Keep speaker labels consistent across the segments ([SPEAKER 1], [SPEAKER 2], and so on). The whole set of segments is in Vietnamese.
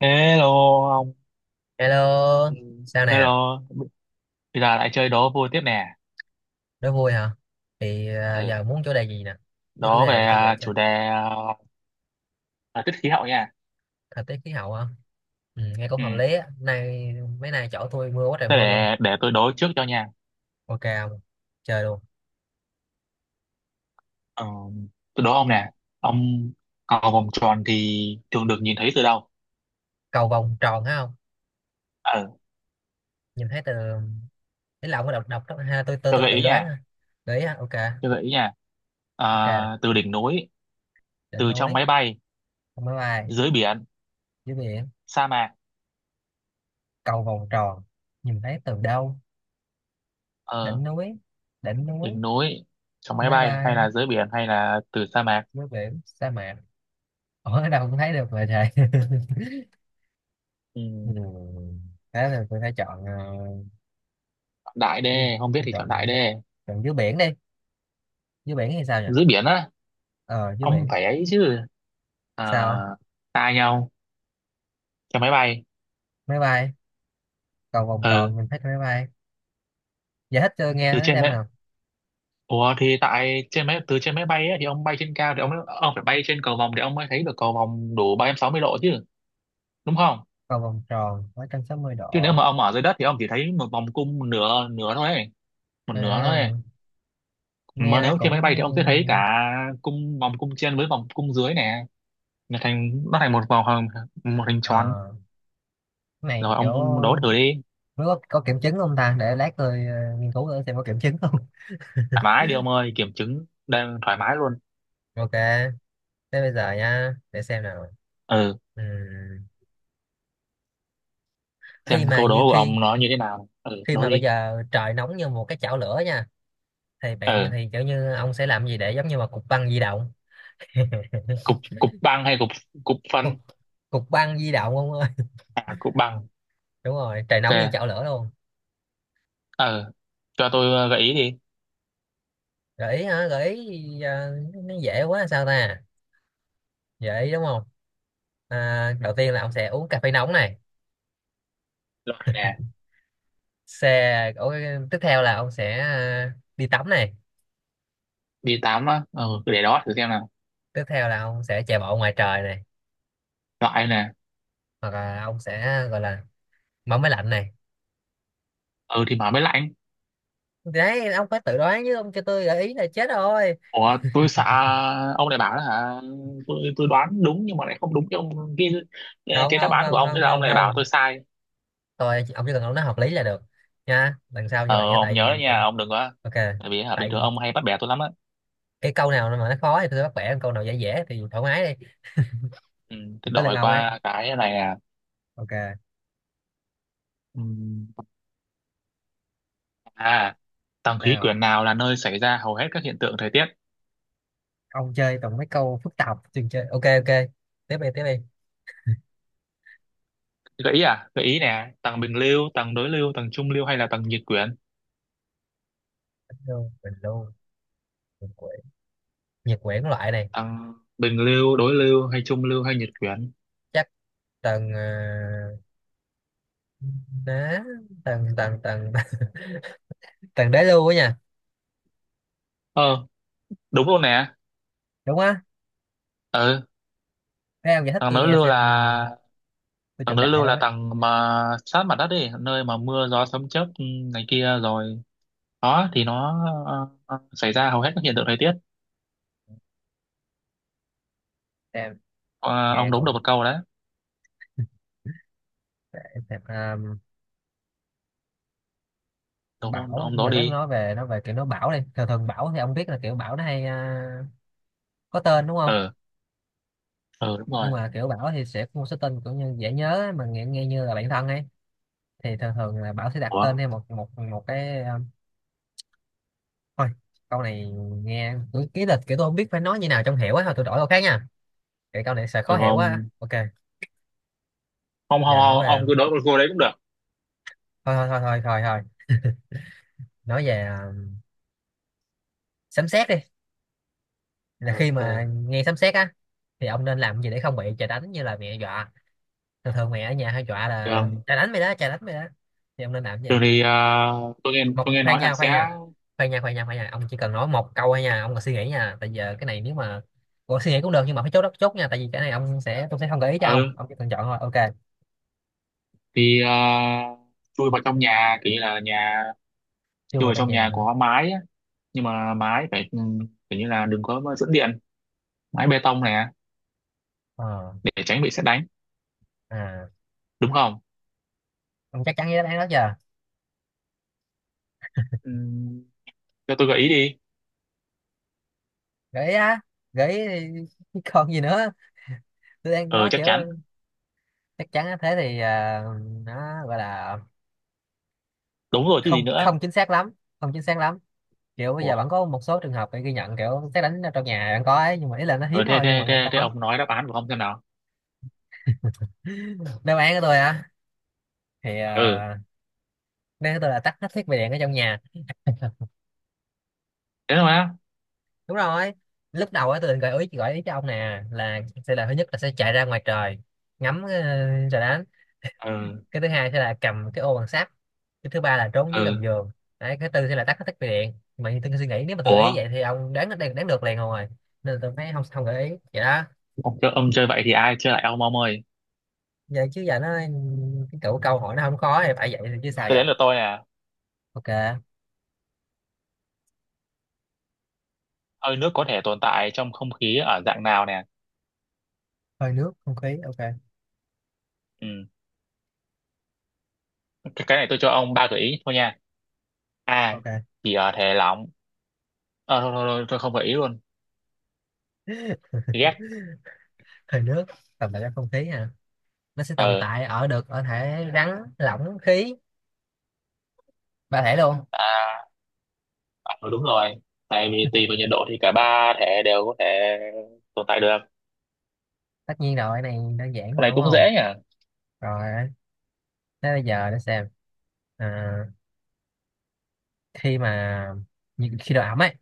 [SPEAKER 1] Hello ông. Ừ,
[SPEAKER 2] Hello, sao nè,
[SPEAKER 1] hello, bây giờ lại chơi đố vui tiếp nè.
[SPEAKER 2] đố vui hả? Thì
[SPEAKER 1] Ừ.
[SPEAKER 2] giờ muốn chủ đề gì nè? Có chủ
[SPEAKER 1] Đố về
[SPEAKER 2] đề để cho dễ chơi.
[SPEAKER 1] chủ đề thời tiết khí hậu nha.
[SPEAKER 2] Thời tiết khí hậu hả? Ừ, nghe cũng
[SPEAKER 1] Ừ.
[SPEAKER 2] hợp lý á. Mấy nay chỗ tôi mưa quá trời
[SPEAKER 1] Thế
[SPEAKER 2] mưa luôn.
[SPEAKER 1] để tôi đố trước cho nha.
[SPEAKER 2] Ok không? Chơi luôn.
[SPEAKER 1] Ờ, tôi đố ông nè. Ông cầu vòng tròn thì thường được nhìn thấy từ đâu?
[SPEAKER 2] Cầu vồng tròn thấy không?
[SPEAKER 1] Ừ.
[SPEAKER 2] Nhìn thấy từ ý là ông có đọc đọc đó. Ha, tôi tôi
[SPEAKER 1] Tôi
[SPEAKER 2] tôi
[SPEAKER 1] gợi
[SPEAKER 2] tự
[SPEAKER 1] ý
[SPEAKER 2] đoán.
[SPEAKER 1] nha.
[SPEAKER 2] Ha. Đấy, á, ok.
[SPEAKER 1] Tôi gợi ý nha.
[SPEAKER 2] Ok,
[SPEAKER 1] Từ đỉnh núi,
[SPEAKER 2] đỉnh
[SPEAKER 1] từ trong
[SPEAKER 2] núi,
[SPEAKER 1] máy bay,
[SPEAKER 2] không máy bay,
[SPEAKER 1] dưới biển,
[SPEAKER 2] dưới biển,
[SPEAKER 1] sa mạc.
[SPEAKER 2] cầu vồng tròn. Nhìn thấy từ đâu?
[SPEAKER 1] Ờ,
[SPEAKER 2] Đỉnh núi, đỉnh núi,
[SPEAKER 1] đỉnh núi, trong máy
[SPEAKER 2] máy
[SPEAKER 1] bay hay
[SPEAKER 2] bay,
[SPEAKER 1] là dưới biển hay là từ sa mạc.
[SPEAKER 2] dưới biển, sa mạc. Ủa, ở đâu cũng thấy được mà trời.
[SPEAKER 1] Ừ.
[SPEAKER 2] Ừ. Thế thì tôi phải chọn
[SPEAKER 1] Chọn đại
[SPEAKER 2] đi.
[SPEAKER 1] đê, không biết
[SPEAKER 2] Tôi
[SPEAKER 1] thì chọn đại
[SPEAKER 2] chọn
[SPEAKER 1] đê.
[SPEAKER 2] chọn dưới biển đi. Dưới biển thì sao nhỉ?
[SPEAKER 1] Dưới biển á.
[SPEAKER 2] Ờ Dưới
[SPEAKER 1] Ông
[SPEAKER 2] biển
[SPEAKER 1] phải ấy chứ,
[SPEAKER 2] sao
[SPEAKER 1] à,
[SPEAKER 2] không?
[SPEAKER 1] tại nhau, trên máy bay,
[SPEAKER 2] Máy bay, cầu vòng
[SPEAKER 1] ừ,
[SPEAKER 2] tròn mình thích máy bay. Giải thích cho nghe
[SPEAKER 1] từ
[SPEAKER 2] nó
[SPEAKER 1] trên
[SPEAKER 2] xem
[SPEAKER 1] máy,
[SPEAKER 2] nào.
[SPEAKER 1] ủa thì tại trên máy, từ trên máy bay ấy, thì ông bay trên cao thì ông phải bay trên cầu vòng để ông mới thấy được cầu vòng đủ 360 độ chứ, đúng không?
[SPEAKER 2] Cầu vòng tròn ba trăm sáu mươi
[SPEAKER 1] Chứ nếu
[SPEAKER 2] độ
[SPEAKER 1] mà ông ở dưới đất thì ông chỉ thấy một vòng cung, một nửa nửa thôi ấy, một nửa thôi
[SPEAKER 2] à,
[SPEAKER 1] ấy.
[SPEAKER 2] Nghe
[SPEAKER 1] Mà
[SPEAKER 2] nó
[SPEAKER 1] nếu trên
[SPEAKER 2] cũng
[SPEAKER 1] máy bay thì ông sẽ thấy cả cung, vòng cung trên với vòng cung dưới nè, nó thành một một hình tròn.
[SPEAKER 2] ờ cái này
[SPEAKER 1] Rồi
[SPEAKER 2] kiểu
[SPEAKER 1] ông đố thử đi.
[SPEAKER 2] nó có kiểm chứng không ta, để lát tôi nghiên cứu thử xem có kiểm chứng không.
[SPEAKER 1] Thoải mái đi ông ơi, kiểm chứng đang thoải mái luôn.
[SPEAKER 2] Ok, thế bây giờ nha, để xem nào.
[SPEAKER 1] Ừ,
[SPEAKER 2] Ừm, khi
[SPEAKER 1] xem
[SPEAKER 2] mà
[SPEAKER 1] câu
[SPEAKER 2] như
[SPEAKER 1] đố của
[SPEAKER 2] khi
[SPEAKER 1] ông nó như thế nào, ừ,
[SPEAKER 2] khi
[SPEAKER 1] đố
[SPEAKER 2] mà bây
[SPEAKER 1] đi.
[SPEAKER 2] giờ trời nóng như một cái chảo lửa nha, thì bạn
[SPEAKER 1] Ừ,
[SPEAKER 2] thì kiểu như ông sẽ làm gì để giống như mà cục băng di động.
[SPEAKER 1] cục cục băng hay cục, cục phân.
[SPEAKER 2] Cục cục băng di động ông ơi.
[SPEAKER 1] À, cục băng.
[SPEAKER 2] Đúng rồi, trời nóng như
[SPEAKER 1] Ok.
[SPEAKER 2] chảo lửa luôn.
[SPEAKER 1] Ừ, cho tôi gợi ý đi.
[SPEAKER 2] Gợi ý hả? Gợi ý nó dễ quá sao ta. Gợi ý đúng không? Đầu tiên là ông sẽ uống cà phê nóng này.
[SPEAKER 1] Loại nè.
[SPEAKER 2] Ủa, tiếp theo là ông sẽ đi tắm này.
[SPEAKER 1] Đi tám á, ừ, để đó thử xem nào.
[SPEAKER 2] Tiếp theo là ông sẽ chạy bộ ngoài trời này.
[SPEAKER 1] Loại nè.
[SPEAKER 2] Hoặc là ông sẽ gọi là mở máy lạnh này.
[SPEAKER 1] Ừ thì mở mới lạnh.
[SPEAKER 2] Đấy, ông phải tự đoán chứ, ông cho tôi gợi ý là chết rồi.
[SPEAKER 1] Ủa tôi sợ ông này bảo là hả, tôi đoán đúng nhưng mà lại không đúng cái ông, cái
[SPEAKER 2] Không
[SPEAKER 1] cái đáp
[SPEAKER 2] không
[SPEAKER 1] án của
[SPEAKER 2] không
[SPEAKER 1] ông, thế
[SPEAKER 2] không
[SPEAKER 1] là ông
[SPEAKER 2] không
[SPEAKER 1] này bảo
[SPEAKER 2] không,
[SPEAKER 1] tôi sai.
[SPEAKER 2] tôi ông chỉ cần ông nói hợp lý là được nha, lần sau như
[SPEAKER 1] Ờ
[SPEAKER 2] vậy nha.
[SPEAKER 1] ông
[SPEAKER 2] tại
[SPEAKER 1] nhớ đấy
[SPEAKER 2] vì tại
[SPEAKER 1] nha, ông đừng có,
[SPEAKER 2] ok,
[SPEAKER 1] tại vì hả bình
[SPEAKER 2] tại
[SPEAKER 1] thường
[SPEAKER 2] vì
[SPEAKER 1] ông hay bắt bẻ tôi lắm á.
[SPEAKER 2] cái câu nào mà nó khó thì tôi bắt bẻ, câu nào dễ dễ thì thoải mái đi.
[SPEAKER 1] Ừ,
[SPEAKER 2] Thì
[SPEAKER 1] thế
[SPEAKER 2] tới lượt
[SPEAKER 1] đổi
[SPEAKER 2] ông ấy.
[SPEAKER 1] qua cái này nè.
[SPEAKER 2] Ok
[SPEAKER 1] Ừ. À, tầng khí
[SPEAKER 2] nào,
[SPEAKER 1] quyển nào là nơi xảy ra hầu hết các hiện tượng thời tiết?
[SPEAKER 2] ông chơi toàn mấy câu phức tạp chừng chơi, ok ok. Tiếp đi, tiếp đi.
[SPEAKER 1] Gợi ý à? Gợi ý nè, tầng bình lưu, tầng đối lưu, tầng trung lưu hay là tầng nhiệt quyển?
[SPEAKER 2] Bình lưu, bình quyển, nhiệt quyển, loại này.
[SPEAKER 1] Tầng bình lưu, đối lưu hay trung lưu hay nhiệt quyển?
[SPEAKER 2] Chắc tầng đá tầng tầng tầng tầng đế lưu á nha.
[SPEAKER 1] Ờ, đúng luôn nè.
[SPEAKER 2] Đúng á?
[SPEAKER 1] Ờ,
[SPEAKER 2] Thế ông giải thích
[SPEAKER 1] tầng
[SPEAKER 2] tôi
[SPEAKER 1] đối
[SPEAKER 2] nghe
[SPEAKER 1] lưu
[SPEAKER 2] xem,
[SPEAKER 1] là
[SPEAKER 2] tôi
[SPEAKER 1] tầng
[SPEAKER 2] chuẩn
[SPEAKER 1] đối
[SPEAKER 2] đại
[SPEAKER 1] lưu
[SPEAKER 2] đâu
[SPEAKER 1] là
[SPEAKER 2] ấy.
[SPEAKER 1] tầng mà sát mặt đất đi, nơi mà mưa gió sấm chớp, ừ, này kia rồi. Đó thì nó xảy ra hầu hết các hiện tượng thời tiết.
[SPEAKER 2] Xem,
[SPEAKER 1] Ờ, ông
[SPEAKER 2] nghe
[SPEAKER 1] đúng được
[SPEAKER 2] cũng
[SPEAKER 1] một câu đấy.
[SPEAKER 2] xem,
[SPEAKER 1] Đúng,
[SPEAKER 2] Bảo
[SPEAKER 1] ông đó
[SPEAKER 2] giờ nó
[SPEAKER 1] đi.
[SPEAKER 2] nói về nó về kiểu nó Bảo đi, thường thường Bảo thì ông biết là kiểu Bảo nó hay có tên đúng không.
[SPEAKER 1] Ờ, ờ đúng rồi.
[SPEAKER 2] Nhưng mà kiểu Bảo thì sẽ có một số tên kiểu như dễ nhớ ấy, mà nghe như là bạn thân ấy, thì thường thường là Bảo sẽ đặt
[SPEAKER 1] Ủa,
[SPEAKER 2] tên theo một một một cái thôi câu này nghe kiểu ký lịch, kiểu tôi không biết phải nói như nào trong hiểu ấy, thôi tôi đổi câu khác nha, cái câu này sẽ
[SPEAKER 1] ờ,
[SPEAKER 2] khó hiểu quá.
[SPEAKER 1] ông
[SPEAKER 2] Ok,
[SPEAKER 1] ông
[SPEAKER 2] giờ nói
[SPEAKER 1] ông,
[SPEAKER 2] về
[SPEAKER 1] ông cứ đối một cô đấy cũng được.
[SPEAKER 2] thôi thôi thôi thôi thôi, thôi. Nói về sấm sét đi. Là
[SPEAKER 1] ờ
[SPEAKER 2] khi
[SPEAKER 1] ờ
[SPEAKER 2] mà nghe sấm sét á thì ông nên làm gì để không bị trời đánh, như là mẹ dọa thường thường mày ở nhà hay dọa là
[SPEAKER 1] Thường
[SPEAKER 2] trời đánh mày đó, trời đánh mày đó. Thì ông nên làm cái
[SPEAKER 1] thường
[SPEAKER 2] gì?
[SPEAKER 1] thì tôi nghe
[SPEAKER 2] Khoan
[SPEAKER 1] nói là
[SPEAKER 2] nha,
[SPEAKER 1] sẽ,
[SPEAKER 2] khoan nha, khoan nha, khoan nha, khoan nha, ông chỉ cần nói một câu thôi nha, ông còn suy nghĩ nha, tại giờ cái này nếu mà còn suy nghĩ cũng được nhưng mà phải chốt đất chốt nha, tại vì cái này ông sẽ tôi sẽ không gợi ý cho
[SPEAKER 1] ờ
[SPEAKER 2] ông chỉ cần chọn thôi. Ok.
[SPEAKER 1] thì chui vào trong nhà, kiểu như là nhà,
[SPEAKER 2] Chưa
[SPEAKER 1] chui
[SPEAKER 2] vào
[SPEAKER 1] vào
[SPEAKER 2] trong
[SPEAKER 1] trong
[SPEAKER 2] nhà
[SPEAKER 1] nhà
[SPEAKER 2] hả?
[SPEAKER 1] có mái á. Nhưng mà mái phải, ừ, kiểu như là đừng có dẫn điện, mái bê tông này,
[SPEAKER 2] ờ
[SPEAKER 1] để tránh bị sét đánh,
[SPEAKER 2] à
[SPEAKER 1] đúng không?
[SPEAKER 2] ông chắc chắn với đáp án đó chưa?
[SPEAKER 1] Ừ, cho tôi gợi ý đi.
[SPEAKER 2] Gợi ý á? Gợi ý thì chứ còn gì nữa. Tôi đang
[SPEAKER 1] Ờ
[SPEAKER 2] nói
[SPEAKER 1] chắc
[SPEAKER 2] kiểu
[SPEAKER 1] chắn.
[SPEAKER 2] chắc chắn á. Thế thì nó gọi là
[SPEAKER 1] Đúng rồi chứ gì
[SPEAKER 2] không
[SPEAKER 1] nữa.
[SPEAKER 2] không chính xác lắm, không chính xác lắm, kiểu bây
[SPEAKER 1] Ủa,
[SPEAKER 2] giờ vẫn có một số trường hợp bị ghi nhận kiểu xét đánh trong nhà vẫn có ấy, nhưng mà ý là nó
[SPEAKER 1] ờ,
[SPEAKER 2] hiếm
[SPEAKER 1] thế
[SPEAKER 2] thôi, nhưng
[SPEAKER 1] thế
[SPEAKER 2] mà vẫn
[SPEAKER 1] thế thế
[SPEAKER 2] có.
[SPEAKER 1] ông nói đáp án của ông xem nào.
[SPEAKER 2] Đáp án của tôi á? Thì
[SPEAKER 1] Ừ,
[SPEAKER 2] đáp án của tôi là tắt hết thiết bị điện ở trong nhà.
[SPEAKER 1] thế thôi á.
[SPEAKER 2] Đúng rồi. Lúc đầu á tôi định gợi ý cho ông nè là sẽ là thứ nhất là sẽ chạy ra ngoài trời ngắm trời đánh.
[SPEAKER 1] Ừ.
[SPEAKER 2] Cái thứ hai sẽ là cầm cái ô bằng sắt. Cái thứ ba là trốn dưới gầm
[SPEAKER 1] Ừ.
[SPEAKER 2] giường. Đấy cái tư sẽ là tắt hết thiết bị điện, mà như tôi suy nghĩ nếu mà tôi gợi
[SPEAKER 1] Ủa,
[SPEAKER 2] ý vậy thì ông đoán đoán, đoán được liền rồi, nên là tôi mới không không gợi ý vậy đó.
[SPEAKER 1] ông chơi vậy thì ai chơi lại ông ơi.
[SPEAKER 2] Vậy chứ giờ nó cái câu hỏi nó không khó thì phải vậy thì chứ sao
[SPEAKER 1] Tới
[SPEAKER 2] giờ.
[SPEAKER 1] đến lượt tôi nè.
[SPEAKER 2] Ok.
[SPEAKER 1] Hơi nước có thể tồn tại trong không khí ở dạng nào nè?
[SPEAKER 2] Hơi nước không khí. Ok
[SPEAKER 1] Ừ. cái này tôi cho ông ba gợi ý thôi nha. A,
[SPEAKER 2] ok.
[SPEAKER 1] chỉ ở thể lỏng, ờ thôi, thôi, thôi, tôi không gợi ý luôn. Ghét.
[SPEAKER 2] Hơi nước tồn tại trong không khí hả? Nó sẽ tồn
[SPEAKER 1] Ờ.
[SPEAKER 2] tại ở được ở thể rắn lỏng khí, ba thể luôn.
[SPEAKER 1] À, ờ, đúng rồi. Tại vì tùy vào nhiệt độ thì cả ba thể đều có thể tồn tại được.
[SPEAKER 2] Tất nhiên rồi, cái này đơn giản
[SPEAKER 1] Cái
[SPEAKER 2] mà
[SPEAKER 1] này
[SPEAKER 2] đúng
[SPEAKER 1] cũng dễ
[SPEAKER 2] không?
[SPEAKER 1] nhỉ.
[SPEAKER 2] Rồi, thế bây giờ để xem à, khi mà như- khi độ ẩm ấy,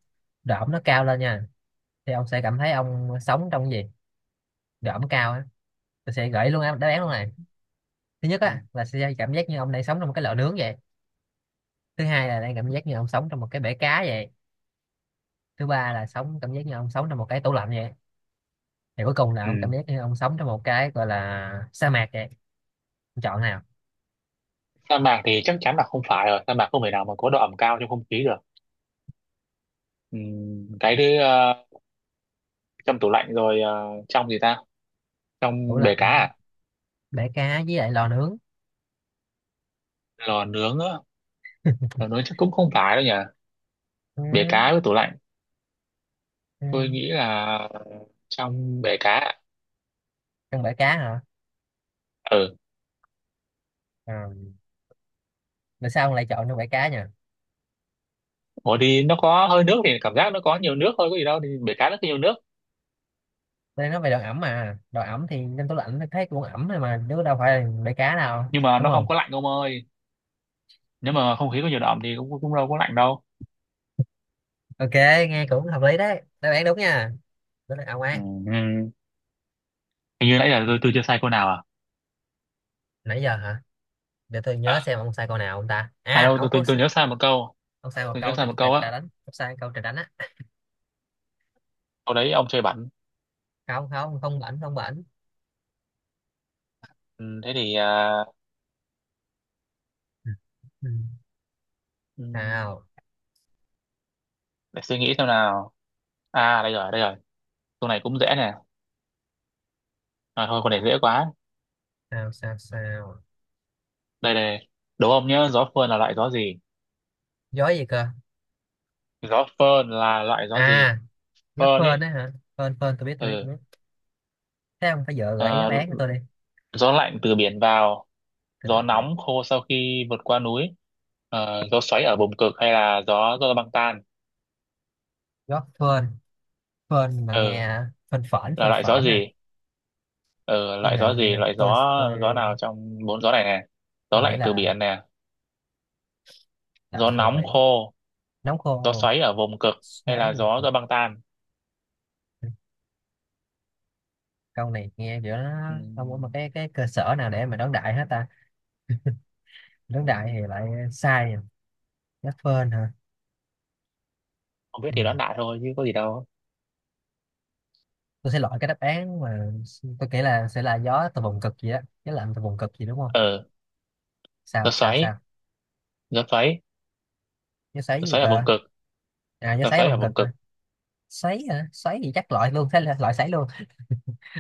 [SPEAKER 2] độ ẩm nó cao lên nha, thì ông sẽ cảm thấy ông sống trong cái gì? Độ ẩm cao á. Tôi sẽ gợi ý luôn á, đáp án luôn
[SPEAKER 1] Không.
[SPEAKER 2] này. Thứ nhất
[SPEAKER 1] Ừ.
[SPEAKER 2] á là sẽ cảm giác như ông đang sống trong một cái lò nướng vậy. Thứ hai
[SPEAKER 1] Đâu.
[SPEAKER 2] là đang cảm giác như ông sống trong một cái bể cá vậy. Thứ ba là sống cảm giác như ông sống trong một cái tủ lạnh vậy. Thì cuối cùng là ông cảm
[SPEAKER 1] Ừ.
[SPEAKER 2] giác như ông sống trong một cái gọi là sa mạc vậy. Ông chọn nào?
[SPEAKER 1] Sa mạc thì chắc chắn là không phải rồi, sa mạc không thể nào mà có độ ẩm cao trong không khí được. Ừ. Cái thứ trong tủ lạnh rồi, ờ, trong gì ta,
[SPEAKER 2] Tủ
[SPEAKER 1] trong bể cá
[SPEAKER 2] lạnh,
[SPEAKER 1] à.
[SPEAKER 2] bể cá với lại lò nướng.
[SPEAKER 1] Lò nướng á, lò nướng chắc cũng không phải đâu nhỉ.
[SPEAKER 2] Ừ,
[SPEAKER 1] Bể cá với tủ lạnh.
[SPEAKER 2] ừ.
[SPEAKER 1] Tôi nghĩ là trong bể cá ạ.
[SPEAKER 2] Trong bể cá hả?
[SPEAKER 1] Ừ.
[SPEAKER 2] Ờ, tại sao ông lại chọn trong bể cá nhỉ?
[SPEAKER 1] Ủa đi, nó có hơi nước thì cảm giác nó có nhiều nước thôi có gì đâu, thì bể cá nó có nhiều nước.
[SPEAKER 2] Tôi nói về độ ẩm mà, độ ẩm thì trong tủ lạnh nó thấy cũng ẩm thôi mà, chứ đâu phải là bể cá đâu,
[SPEAKER 1] Nhưng mà
[SPEAKER 2] đúng
[SPEAKER 1] nó không
[SPEAKER 2] không?
[SPEAKER 1] có lạnh ông ơi, nếu mà không khí có nhiều đậm thì cũng cũng đâu có lạnh đâu.
[SPEAKER 2] Ok, nghe cũng hợp lý đấy, đáp án đúng nha. Đó là ông
[SPEAKER 1] Ừ.
[SPEAKER 2] ấy.
[SPEAKER 1] Ừ. Hình như nãy giờ tôi chưa sai câu nào à.
[SPEAKER 2] Nãy giờ hả? Để tôi nhớ
[SPEAKER 1] À,
[SPEAKER 2] xem ông sai câu nào, ông ta
[SPEAKER 1] À
[SPEAKER 2] à,
[SPEAKER 1] đâu, tôi,
[SPEAKER 2] ông có
[SPEAKER 1] tôi tôi nhớ sai một câu.
[SPEAKER 2] ông sai một
[SPEAKER 1] Tôi nhớ
[SPEAKER 2] câu
[SPEAKER 1] sai
[SPEAKER 2] trà,
[SPEAKER 1] một
[SPEAKER 2] trà,
[SPEAKER 1] câu
[SPEAKER 2] trà
[SPEAKER 1] á,
[SPEAKER 2] đánh, ông sai câu trà đánh á.
[SPEAKER 1] câu đấy ông chơi bẩn.
[SPEAKER 2] Không không không bảnh, không bảnh.
[SPEAKER 1] Ừ, thế thì
[SPEAKER 2] Ừ. Ừ.
[SPEAKER 1] ừ,
[SPEAKER 2] Sao
[SPEAKER 1] để suy nghĩ xem nào. À đây rồi đây rồi, câu này cũng dễ nè. À, thôi câu này dễ quá.
[SPEAKER 2] sao sao? Sao?
[SPEAKER 1] Đây đây. Đố ông nhớ gió phơn là loại gió gì.
[SPEAKER 2] Gió gì cơ?
[SPEAKER 1] Gió phơn là loại gió gì.
[SPEAKER 2] à Gió
[SPEAKER 1] Phơn
[SPEAKER 2] phơn
[SPEAKER 1] ấy.
[SPEAKER 2] đấy hả? Phơn phơn tôi biết, tôi biết,
[SPEAKER 1] Ừ.
[SPEAKER 2] tôi biết. Thế không phải vợ gợi ý đáp
[SPEAKER 1] À,
[SPEAKER 2] án cho tôi đi.
[SPEAKER 1] gió lạnh từ biển vào,
[SPEAKER 2] Từ
[SPEAKER 1] gió
[SPEAKER 2] bệnh viện.
[SPEAKER 1] nóng khô sau khi vượt qua núi, ờ, gió xoáy ở vùng cực hay là gió do băng tan.
[SPEAKER 2] Gió phơn, phơn mà
[SPEAKER 1] Ừ.
[SPEAKER 2] nghe,
[SPEAKER 1] Là
[SPEAKER 2] phơn
[SPEAKER 1] loại gió
[SPEAKER 2] phởn nè.
[SPEAKER 1] gì. Ừ.
[SPEAKER 2] Tôi
[SPEAKER 1] Loại
[SPEAKER 2] nghĩ,
[SPEAKER 1] gió gì, loại gió,
[SPEAKER 2] tôi tôi
[SPEAKER 1] gió nào trong bốn gió này nè. Gió
[SPEAKER 2] tôi nghĩ
[SPEAKER 1] lạnh từ
[SPEAKER 2] là
[SPEAKER 1] biển nè,
[SPEAKER 2] lạnh
[SPEAKER 1] gió
[SPEAKER 2] từ
[SPEAKER 1] nóng
[SPEAKER 2] biển,
[SPEAKER 1] khô,
[SPEAKER 2] nóng
[SPEAKER 1] gió
[SPEAKER 2] khô,
[SPEAKER 1] xoáy ở vùng cực hay
[SPEAKER 2] xoáy
[SPEAKER 1] là
[SPEAKER 2] một
[SPEAKER 1] gió
[SPEAKER 2] cực.
[SPEAKER 1] do băng tan.
[SPEAKER 2] Câu này nghe kiểu nó không có một
[SPEAKER 1] Ừm,
[SPEAKER 2] cái cơ sở nào để mà đón đại hết ta. Đón đại thì lại sai à. Gió phơn hả?
[SPEAKER 1] không biết
[SPEAKER 2] Ừ.
[SPEAKER 1] thì đoán đại thôi chứ có gì đâu.
[SPEAKER 2] Tôi sẽ loại cái đáp án mà tôi nghĩ là sẽ là gió từ vùng cực gì đó, gió lạnh từ vùng cực gì đúng không?
[SPEAKER 1] Ừ. Gió
[SPEAKER 2] Sao sao
[SPEAKER 1] xoáy,
[SPEAKER 2] sao?
[SPEAKER 1] gió xoáy,
[SPEAKER 2] Gió xoáy
[SPEAKER 1] gió
[SPEAKER 2] gì
[SPEAKER 1] xoáy ở
[SPEAKER 2] cơ?
[SPEAKER 1] vùng cực.
[SPEAKER 2] Gió
[SPEAKER 1] Gió
[SPEAKER 2] xoáy
[SPEAKER 1] xoáy ở
[SPEAKER 2] vùng cực
[SPEAKER 1] vùng cực.
[SPEAKER 2] hả? Xoáy hả? Xoáy gì chắc loại luôn. Thế là loại xoáy luôn.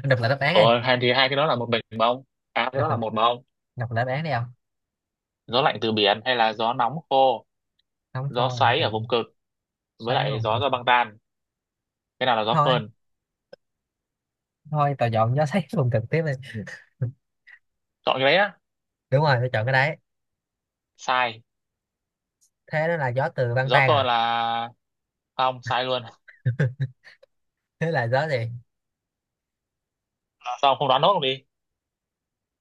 [SPEAKER 2] Đọc lại đáp án đi.
[SPEAKER 1] Ủa, hai thì hai cái đó là một mình mà ông. À cái
[SPEAKER 2] đọc
[SPEAKER 1] đó là một mà ông.
[SPEAKER 2] đọc lại đáp án đi không?
[SPEAKER 1] Gió lạnh từ biển hay là gió nóng khô,
[SPEAKER 2] Không
[SPEAKER 1] gió
[SPEAKER 2] thôi không
[SPEAKER 1] xoáy
[SPEAKER 2] cho
[SPEAKER 1] ở
[SPEAKER 2] bạn.
[SPEAKER 1] vùng cực với
[SPEAKER 2] Xoáy ở
[SPEAKER 1] lại
[SPEAKER 2] vùng
[SPEAKER 1] gió
[SPEAKER 2] cực.
[SPEAKER 1] do băng tan. Cái nào là gió
[SPEAKER 2] Thôi
[SPEAKER 1] phơn?
[SPEAKER 2] thôi tôi chọn gió xoáy vùng cực tiếp đi.
[SPEAKER 1] Chọn cái đấy á.
[SPEAKER 2] Đúng rồi, tôi chọn cái đấy.
[SPEAKER 1] Sai.
[SPEAKER 2] Thế đó là gió từ băng
[SPEAKER 1] Gió
[SPEAKER 2] tan
[SPEAKER 1] phơn
[SPEAKER 2] à?
[SPEAKER 1] là, không, sai luôn.
[SPEAKER 2] Thế là gió gì?
[SPEAKER 1] Sao ông không đoán nốt luôn đi?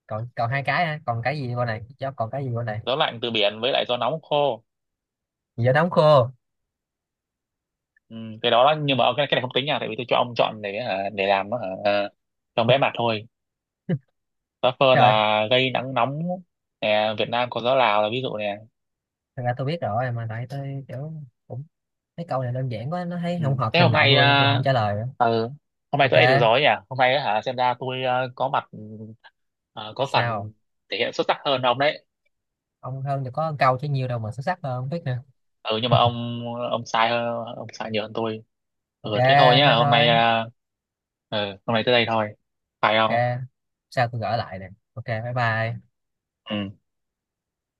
[SPEAKER 2] Còn còn hai cái hả? Còn cái gì bên này gió, còn cái gì bên này?
[SPEAKER 1] Gió lạnh từ biển với lại gió nóng khô.
[SPEAKER 2] Gió nóng khô.
[SPEAKER 1] Ừ, cái đó, nhưng mà cái này không tính nha, tại vì tôi cho ông chọn để hả, để làm hả, à, cho vẽ mặt thôi. Gió phơn
[SPEAKER 2] Rồi,
[SPEAKER 1] là gây nắng nóng nè, Việt Nam có gió Lào là ví dụ nè.
[SPEAKER 2] thật ra tôi biết rồi mà, tại tôi kiểu cũng mấy câu này đơn giản quá nó thấy
[SPEAKER 1] Ừ.
[SPEAKER 2] không hợp
[SPEAKER 1] Thế
[SPEAKER 2] trình
[SPEAKER 1] hôm
[SPEAKER 2] độ
[SPEAKER 1] nay
[SPEAKER 2] tôi nên tôi không trả lời nữa.
[SPEAKER 1] ờ, hôm nay
[SPEAKER 2] Ok.
[SPEAKER 1] tôi ấy được rồi ấy nhỉ? Hôm nay á hả, xem ra tôi có mặt, ờ, có
[SPEAKER 2] Sao
[SPEAKER 1] phần thể hiện xuất sắc hơn ông đấy.
[SPEAKER 2] ông hơn thì có câu chứ, nhiều đâu mà xuất sắc hơn không biết nè.
[SPEAKER 1] Ừ nhưng mà ông, ông sai nhiều hơn tôi. Ừ
[SPEAKER 2] Ok,
[SPEAKER 1] thế thôi
[SPEAKER 2] thế
[SPEAKER 1] nhá, hôm nay
[SPEAKER 2] thôi.
[SPEAKER 1] ừ, hôm nay tới đây thôi. Phải
[SPEAKER 2] Ok,
[SPEAKER 1] không?
[SPEAKER 2] sao tôi gỡ lại nè. Ok, bye bye.
[SPEAKER 1] Ừ.